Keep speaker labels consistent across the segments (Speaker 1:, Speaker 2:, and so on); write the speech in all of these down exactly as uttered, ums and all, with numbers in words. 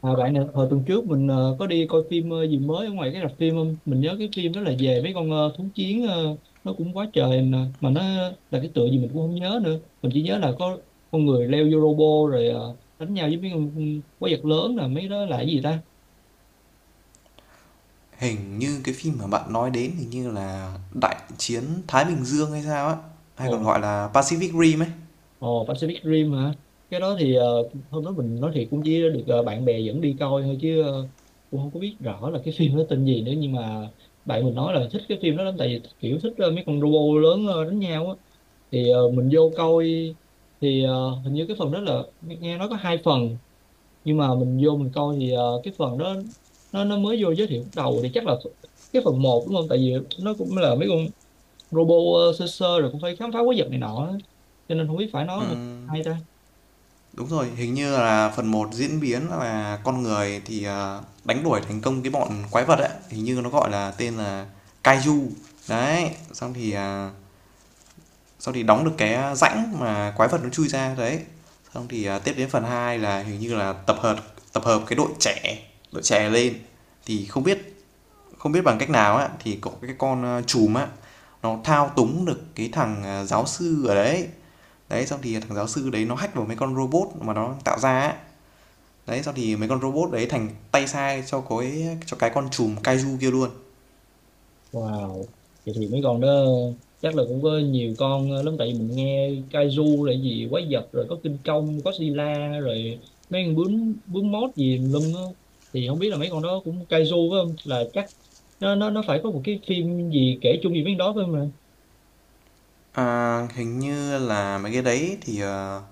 Speaker 1: À, bạn nè, hồi tuần trước mình ờ, có đi coi phim ờ, gì mới ở ngoài cái rạp phim không? Mình nhớ cái phim đó là về mấy con ờ, thú chiến ờ, nó cũng quá trời nè. Mà nó là cái tựa gì mình cũng không nhớ nữa. Mình chỉ nhớ là có con người leo vô robot rồi ờ, đánh nhau với mấy con quái vật lớn, là mấy đó là cái gì ta?
Speaker 2: Hình như cái phim mà bạn nói đến hình như là Đại chiến Thái Bình Dương hay sao á, hay còn
Speaker 1: Ồ,
Speaker 2: gọi là Pacific Rim ấy.
Speaker 1: ồ Pacific Rim hả? Cái đó thì ờ, hôm đó mình nói thiệt cũng chỉ được ờ, bạn bè dẫn đi coi thôi, chứ ờ, cũng không có biết rõ là cái phim nó tên gì nữa, nhưng mà bạn mình nói là thích cái phim đó lắm, tại vì kiểu thích ờ, mấy con robot lớn ờ, đánh nhau á. Thì ờ, mình vô coi thì ờ, hình như cái phần đó là nghe nghe nói có hai phần, nhưng mà mình vô mình coi thì ờ, cái phần đó nó nó mới vô giới thiệu lúc đầu thì chắc là cái phần một đúng không, tại vì nó cũng là mấy con robot ờ, sơ sơ rồi cũng phải khám phá quái vật này nọ á. Cho nên không biết phải nói hay ta.
Speaker 2: Đúng rồi, hình như là phần một diễn biến là con người thì à, đánh đuổi thành công cái bọn quái vật ấy, hình như nó gọi là tên là Kaiju. Đấy, xong thì à, xong thì đóng được cái rãnh mà quái vật nó chui ra đấy. Xong thì à, tiếp đến phần hai là hình như là tập hợp tập hợp cái đội trẻ, đội trẻ lên thì không biết không biết bằng cách nào á, thì có cái con uh, trùm á, nó thao túng được cái thằng à, giáo sư ở đấy. Đấy xong thì thằng giáo sư đấy nó hack vào mấy con robot mà nó tạo ra á. Đấy xong thì mấy con robot đấy thành tay sai cho cái cho cái con trùm kaiju kia luôn.
Speaker 1: Wow, vậy thì mấy con đó chắc là cũng có nhiều con lắm, tại vì mình nghe Kaiju là gì, quái vật rồi có kinh công có sila rồi mấy con bướm bướm mốt gì lum á, thì không biết là mấy con đó cũng Kaiju phải không, là chắc nó nó nó phải có một cái phim gì kể chung gì với con đó phải không ạ?
Speaker 2: À, hình như là mấy cái đấy thì ờ,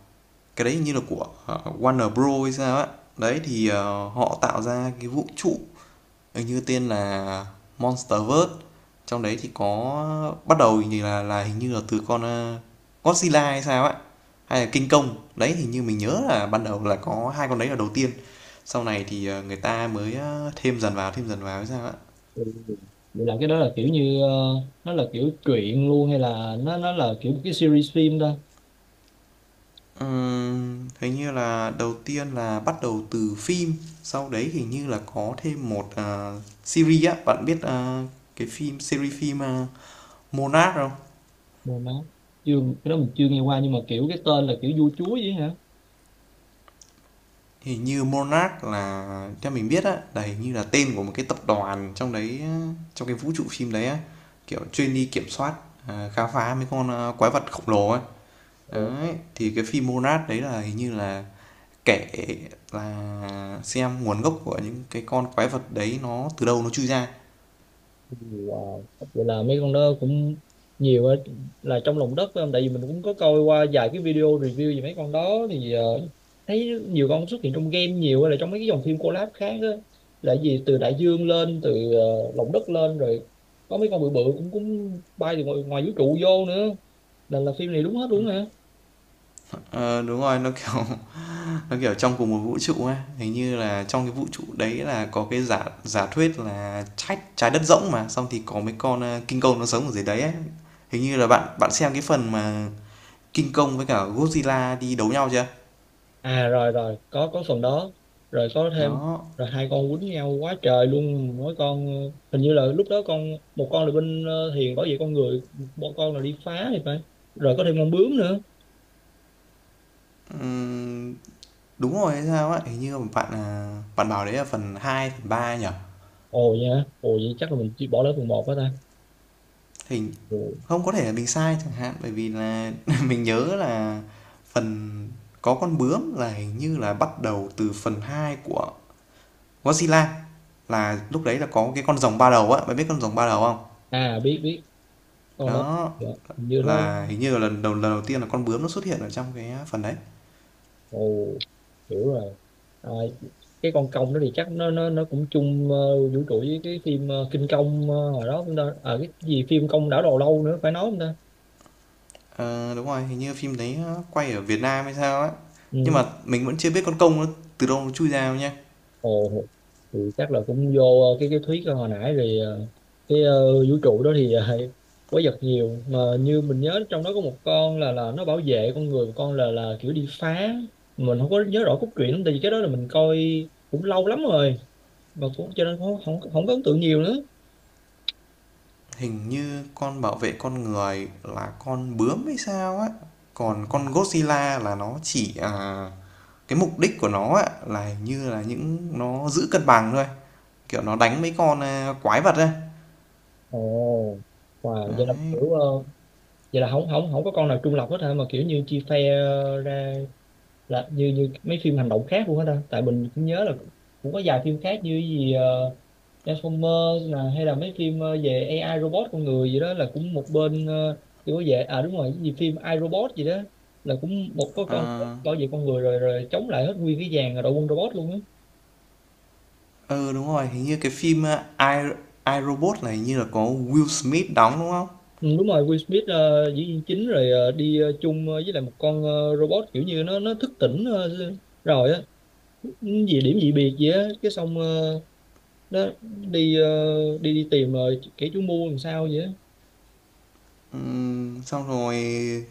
Speaker 2: cái đấy hình như là của ờ, Warner Bros hay sao á. Đấy thì ờ, họ tạo ra cái vũ trụ, hình như tên là Monsterverse. Trong đấy thì có bắt đầu thì là là hình như là từ con ờ, Godzilla hay sao ấy, hay là King Kong đấy. Hình như mình nhớ là ban đầu là có hai con đấy là đầu tiên, sau này thì ờ, người ta mới ờ, thêm dần vào thêm dần vào hay sao ạ.
Speaker 1: Ừ. Vậy là cái đó là kiểu như ờ, nó là kiểu truyện luôn, hay là nó nó là kiểu một cái series phim ta?
Speaker 2: Ừm, hình như là đầu tiên là bắt đầu từ phim, sau đấy hình như là có thêm một ờ, series á, bạn biết ờ, cái phim, series phim ờ, Monarch không?
Speaker 1: Mười má. Chưa, cái đó mình chưa nghe qua, nhưng mà kiểu cái tên là kiểu vua chúa vậy hả?
Speaker 2: Hình như Monarch là theo mình biết á, là hình như là tên của một cái tập đoàn trong đấy trong cái vũ trụ phim đấy á, kiểu chuyên đi kiểm soát, à, khám phá mấy con à, quái vật khổng lồ ấy.
Speaker 1: Ồ.
Speaker 2: Đấy, thì cái phim Monarch đấy là hình như là kể, là xem nguồn gốc của những cái con quái vật đấy nó từ đâu nó chui ra.
Speaker 1: Wow. Vậy là mấy con đó cũng nhiều á, là trong lòng đất phải không? Tại vì mình cũng có coi qua vài cái video review về mấy con đó thì ờ, thấy nhiều con xuất hiện trong game nhiều, hay là trong mấy cái dòng phim collab khác á, là gì từ đại dương lên, từ ờ, lòng đất lên, rồi có mấy con bự bự cũng cũng bay từ ngoài, ngoài vũ trụ vô nữa, là là phim này đúng hết luôn hả?
Speaker 2: Ờ, đúng rồi, nó kiểu nó kiểu trong cùng một vũ trụ ấy. Hình như là trong cái vũ trụ đấy là có cái giả giả thuyết là trái trái đất rỗng, mà xong thì có mấy con ờ, kinh công nó sống ở dưới đấy ấy. Hình như là bạn bạn xem cái phần mà kinh công với cả Godzilla đi đấu nhau chưa?
Speaker 1: À, rồi rồi có có phần đó. Rồi có thêm,
Speaker 2: Đó.
Speaker 1: rồi hai con quýnh nhau quá trời luôn, mỗi con ờ, hình như là lúc đó con, một con là bên ờ, Hiền bảo vệ con người, một con là đi phá thì phải. Rồi có thêm con bướm nữa.
Speaker 2: Ừm, đúng rồi hay sao ấy, hình như bạn à, bạn bảo đấy là phần hai, phần ba nhỉ.
Speaker 1: Ồ nha, ồ vậy chắc là mình chỉ bỏ lỡ phần một đó ta.
Speaker 2: hình
Speaker 1: Ồ.
Speaker 2: Không có thể là mình sai chẳng hạn, bởi vì là mình nhớ là phần có con bướm là hình như là bắt đầu từ phần hai của Godzilla, là lúc đấy là có cái con rồng ba đầu á, bạn biết con rồng ba đầu không?
Speaker 1: À, biết biết con đó.
Speaker 2: Đó
Speaker 1: Dạ, hình như nó nó-
Speaker 2: là hình như là lần đầu lần đầu tiên là con bướm nó xuất hiện ở trong cái phần đấy.
Speaker 1: Ồ, hiểu rồi. À, cái con công đó thì chắc nó nó nó cũng chung ờ, vũ trụ với cái phim ờ, Kinh Công ờ, hồi đó chúng ta, à cái gì phim Công đảo đầu lâu nữa phải nói không ta.
Speaker 2: Ờ, đúng rồi, hình như phim đấy quay ở Việt Nam hay sao á, nhưng
Speaker 1: Ừ.
Speaker 2: mà mình vẫn chưa biết con công nó từ đâu nó chui ra đâu nha.
Speaker 1: Ồ, thì chắc là cũng vô ờ, cái cái thuyết hồi nãy rồi, ờ, cái ờ, vũ trụ đó thì uh, quái vật nhiều, mà như mình nhớ trong đó có một con là là nó bảo vệ con người, một con là là kiểu đi phá. Mình không có nhớ rõ cốt truyện lắm, tại vì cái đó là mình coi cũng lâu lắm rồi, mà cũng cho nên không không, không có ấn tượng nhiều nữa.
Speaker 2: Hình như con bảo vệ con người là con bướm hay sao á, còn con Godzilla là nó chỉ à, cái mục đích của nó á, là hình như là những nó giữ cân bằng thôi, kiểu nó đánh mấy con à, quái vật ấy.
Speaker 1: Ồ, wow, vậy là kiểu ờ, vậy là không không không có con nào trung lập hết hả, mà kiểu như chia phe ờ, ra, là như như mấy phim hành động khác luôn hết ta. Tại mình cũng nhớ là cũng có vài phim khác như cái gì ờ, Transformer, là hay là mấy phim ờ, về a i robot con người gì đó là cũng một bên ờ, kiểu về, à đúng rồi cái gì phim a i robot gì đó là cũng một có con robot
Speaker 2: À,
Speaker 1: bảo vệ con người rồi rồi chống lại hết nguyên cái dàn đội quân robot luôn á.
Speaker 2: ờ, đúng rồi, hình như cái phim, a, I, I, Robot này hình như là có Will Smith đóng, đúng không?
Speaker 1: Ừ, đúng rồi. Will Smith ờ, diễn viên chính, rồi ờ, đi ờ, chung ờ, với lại một con ờ, robot, kiểu như nó nó thức tỉnh ờ, rồi á. Ừ, gì điểm dị biệt gì á cái, xong ờ, nó đi ờ, đi đi tìm rồi kẻ chủ mưu làm sao vậy á.
Speaker 2: Ừm, xong rồi,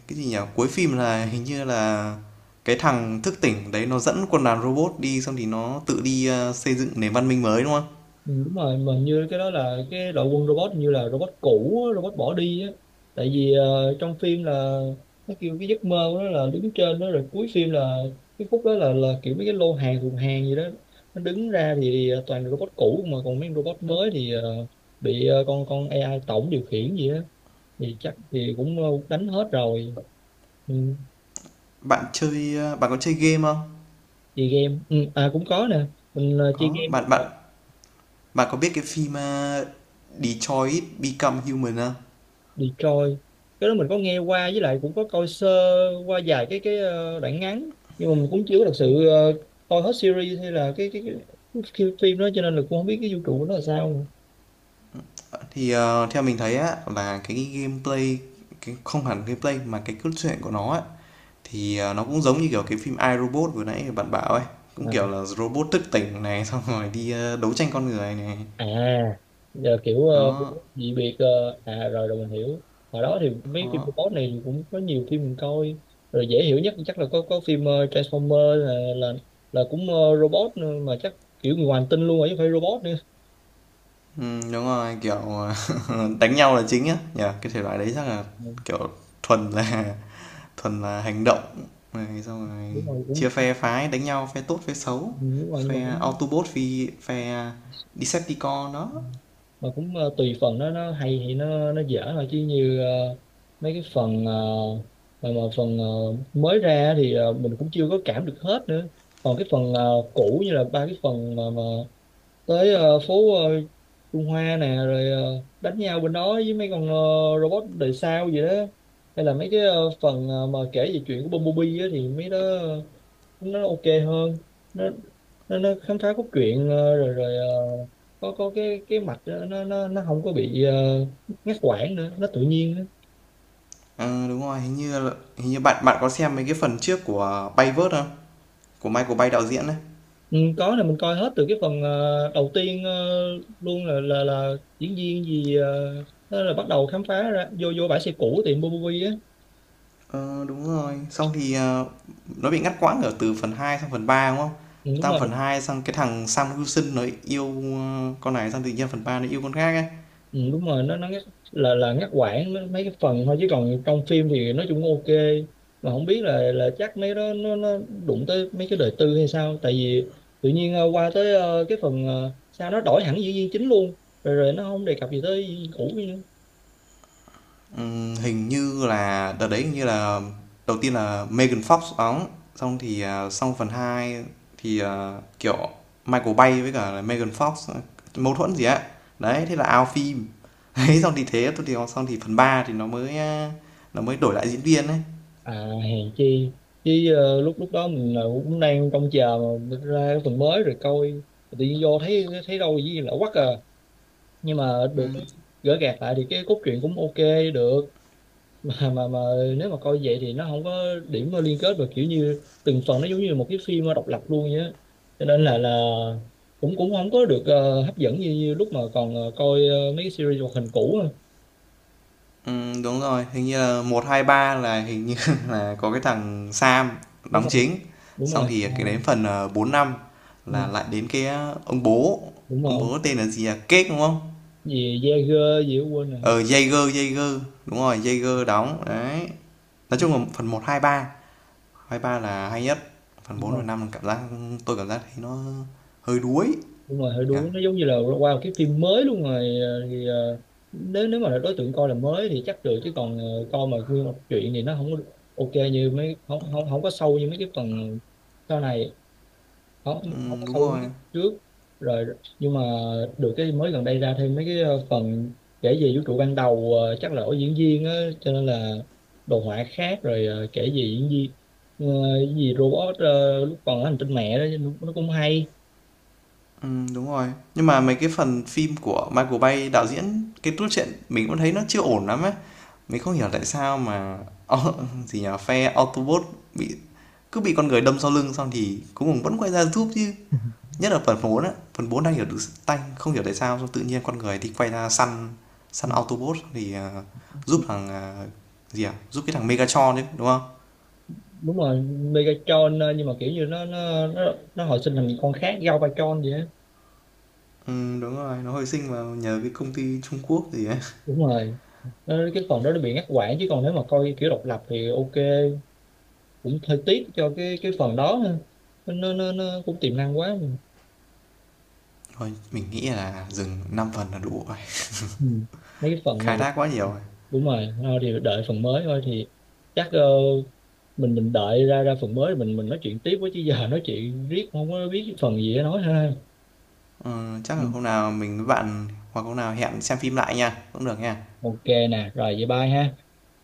Speaker 2: cái gì nhỉ? Cuối phim là hình như là cái thằng thức tỉnh đấy nó dẫn quân đoàn robot đi, xong thì nó tự đi ờ, xây dựng nền văn minh mới đúng không?
Speaker 1: Ừ, đúng rồi, mà như cái đó là cái đội quân robot, như là robot cũ á, robot bỏ đi á, tại vì ờ, trong phim là nó kêu cái giấc mơ của nó là đứng trên đó. Rồi cuối phim là cái khúc đó là là kiểu mấy cái lô hàng thùng hàng gì đó nó đứng ra, thì ờ, toàn là robot cũ, mà còn mấy con robot mới thì ờ, bị ờ, con con a i tổng điều khiển gì đó, thì chắc thì cũng ờ, đánh hết rồi. Ừ,
Speaker 2: Bạn chơi ờ, bạn có chơi game không?
Speaker 1: chơi game. Ừ, à cũng có nè, mình ờ, chơi
Speaker 2: Có,
Speaker 1: game.
Speaker 2: bạn bạn bạn có biết cái phim ờ, Detroit Become Human không?
Speaker 1: Detroit, cái đó mình có nghe qua, với lại cũng có coi sơ qua vài cái cái ờ, đoạn ngắn, nhưng mà mình cũng chưa có thật sự ờ, coi hết series hay là cái cái, cái, cái phim đó, cho nên là cũng không biết cái vũ trụ của nó là sao nữa.
Speaker 2: Thì ờ, theo mình thấy á là cái gameplay cái không hẳn gameplay mà cái cốt truyện của nó á. Thì, ờ, nó cũng giống như, kiểu, cái phim I, Robot vừa nãy bạn bảo ấy, cũng, kiểu
Speaker 1: Mà-
Speaker 2: là, robot thức tỉnh này, xong rồi đi, à, đấu tranh con người này.
Speaker 1: À, giờ kiểu ờ,
Speaker 2: Đó,
Speaker 1: dị biệt ờ, à rồi rồi mình hiểu. Hồi đó thì mấy phim
Speaker 2: đó,
Speaker 1: robot này cũng có nhiều phim mình coi, rồi dễ hiểu nhất chắc là có có phim ờ, Transformer, là là là cũng ờ, robot nữa, mà chắc kiểu người ngoài hành tinh luôn rồi chứ không phải robot nữa.
Speaker 2: ừm, đúng rồi, kiểu, ờ, đánh nhau là chính á nhỉ? Cái thể loại đấy chắc là,
Speaker 1: Ừ,
Speaker 2: kiểu, thuần là thuần là hành động này, xong
Speaker 1: đúng
Speaker 2: rồi
Speaker 1: rồi cũng.
Speaker 2: chia phe phái đánh nhau, phe tốt, phe xấu,
Speaker 1: Ừ, đúng rồi, nhưng mà
Speaker 2: phe
Speaker 1: cũng
Speaker 2: Autobot phi phe Decepticon đó.
Speaker 1: mà cũng ờ, tùy phần, nó nó hay thì nó nó dở thôi, chứ như ờ, mấy cái phần ờ, mà, mà phần ờ, mới ra thì ờ, mình cũng chưa có cảm được hết nữa. Còn cái phần ờ, cũ như là ba cái phần mà, mà tới ờ, phố ờ, Trung Hoa nè, rồi ờ, đánh nhau bên đó với mấy con ờ, robot đời sao gì đó, hay là mấy cái ờ, phần ờ, mà kể về chuyện của Bumblebee á, thì mấy đó nó ok hơn. Nó nó, nó khám phá cốt truyện ờ, rồi rồi ờ, có có cái cái mạch đó, nó nó nó không có bị ờ, ngắt quãng nữa, nó tự nhiên nữa.
Speaker 2: Ờ, đúng rồi, hình như hình như bạn bạn có xem mấy cái phần trước của Bayverse không? Của Michael Bay đạo diễn đấy.
Speaker 1: Ừ, có, là mình coi hết từ cái phần ờ, đầu tiên ờ, luôn, là là là diễn viên gì ờ, nó là bắt đầu khám phá ra, vô vô bãi xe cũ tiệm Bobovi á.
Speaker 2: Ờ, đúng rồi. Xong thì, ờ, nó bị ngắt quãng ở từ phần hai sang phần ba đúng không?
Speaker 1: Ừ, đúng
Speaker 2: Sang
Speaker 1: rồi.
Speaker 2: phần hai sang cái thằng Sam Wilson nó yêu, ơ, con này, sang tự nhiên phần ba nó yêu con khác ấy.
Speaker 1: Ừ, đúng rồi, nó nó ngắt, là là ngắt quãng nó- mấy cái phần thôi, chứ còn trong phim thì nói chung ok. Mà không biết là là chắc mấy đó nó nó đụng tới mấy cái đời tư hay sao, tại vì tự nhiên ờ, qua tới ờ, cái phần ờ, sao nó đổi hẳn diễn viên chính luôn, rồi rồi nó không đề cập gì tới diễn viên cũ nữa.
Speaker 2: Ừm, hình như là đợt đấy hình như là đầu tiên là Megan Fox đóng, xong thì, à, xong phần hai thì, ờ, kiểu Michael Bay với cả là Megan Fox ờ, mâu thuẫn gì á. Đấy, thế là out phim. Đấy, xong thì thế, xong thì xong thì phần ba thì nó mới, a, nó mới đổi lại diễn viên ấy.
Speaker 1: À hèn chi, chứ ờ, lúc lúc đó mình ờ, cũng đang trông chờ mà ra cái phần mới rồi coi, tự nhiên vô thấy thấy đâu gì lạ quắc à. Nhưng mà được cái gỡ gạc lại thì cái cốt truyện cũng ok được. Mà mà mà nếu mà coi vậy thì nó không có điểm mà liên kết, và kiểu như từng phần nó giống như một cái phim độc lập luôn vậy á, cho nên là là cũng cũng không có được ờ, hấp dẫn như, như lúc mà còn ờ, coi ờ, mấy cái series hoạt hình cũ á.
Speaker 2: Ừm, đúng rồi, hình như là một, hai, ba là hình như là có cái thằng Sam
Speaker 1: Đúng
Speaker 2: đóng
Speaker 1: rồi,
Speaker 2: chính.
Speaker 1: đúng
Speaker 2: Xong
Speaker 1: rồi.
Speaker 2: thì
Speaker 1: Ờ,
Speaker 2: cái đến phần, ờ, bốn, năm
Speaker 1: ừ,
Speaker 2: là lại đến cái, a, ông bố,
Speaker 1: đúng
Speaker 2: ông
Speaker 1: rồi.
Speaker 2: bố tên là gì, à Cake, đúng không?
Speaker 1: Gì Jaeger gì đó quên rồi.
Speaker 2: Ờ, Jaeger, Jaeger, đúng rồi, Jaeger đóng, đấy. Nói chung là phần một hai ba, hai ba là hay nhất. Phần
Speaker 1: Đúng
Speaker 2: bốn và
Speaker 1: rồi,
Speaker 2: năm, cảm giác tôi cảm giác thấy nó hơi đuối
Speaker 1: đúng rồi, hơi
Speaker 2: nhỉ?
Speaker 1: đuối, nó giống như là qua một cái phim mới luôn rồi, ờ, thì ờ, nếu nếu mà đối tượng coi là mới thì chắc được, chứ còn ờ, coi mà nguyên một chuyện thì nó không có ok như mấy, không không không có sâu như mấy cái phần sau này. Không không
Speaker 2: Ừm,
Speaker 1: có
Speaker 2: đúng
Speaker 1: sâu như mấy cái
Speaker 2: rồi.
Speaker 1: phần trước rồi. Nhưng mà được cái mới gần đây ra thêm mấy cái ờ, phần kể về vũ trụ ban đầu, ờ, chắc là ở diễn viên á, cho nên là đồ họa khác. Rồi ờ, kể về diễn viên ờ, cái gì robot ờ, lúc còn ở hành tinh mẹ đó nó, nó cũng hay.
Speaker 2: Ừm, đúng rồi. Nhưng mà mấy cái phần phim của Michael Bay đạo diễn, cái cốt truyện mình cũng thấy nó chưa ổn lắm ấy. Mình không hiểu tại sao mà au- gì nhỉ, phe Autobot bị cứ bị con người đâm sau lưng, xong thì cuối cùng vẫn quay ra giúp chứ. Nhất là phần bốn á, phần bốn đang hiểu được tanh, không hiểu tại sao xong tự nhiên con người thì quay ra săn săn Autobot, thì ờ, giúp
Speaker 1: Ừ.
Speaker 2: thằng ờ, gì à, giúp cái thằng Megatron đấy, đúng không?
Speaker 1: Đúng rồi. Megatron ờ, nhưng mà kiểu như nó nó nó, nó hồi sinh thành con khác Gao Galvatron vậy á.
Speaker 2: Ừ, đúng rồi, nó hồi sinh vào nhờ cái công ty Trung Quốc gì ấy.
Speaker 1: Đúng rồi. Ờ, cái phần đó nó bị ngắt quãng, chứ còn nếu mà coi kiểu độc lập thì ok. Cũng hơi tiếc cho cái cái phần đó ha. nó nó nó cũng tiềm năng quá.
Speaker 2: Thôi, mình nghĩ là dừng năm phần là đủ rồi.
Speaker 1: Ừ. Mấy cái phần này.
Speaker 2: Khai thác quá nhiều rồi.
Speaker 1: Đúng rồi, thôi thì đợi phần mới thôi, thì chắc ờ, mình mình đợi ra ra phần mới mình mình nói chuyện tiếp với, chứ giờ nói chuyện riết không có biết phần gì để nói ha.
Speaker 2: Ờ, chắc
Speaker 1: Ừ.
Speaker 2: là hôm nào mình với bạn hoặc hôm nào hẹn xem phim lại nha, cũng được nha.
Speaker 1: Ok nè, rồi vậy bye ha.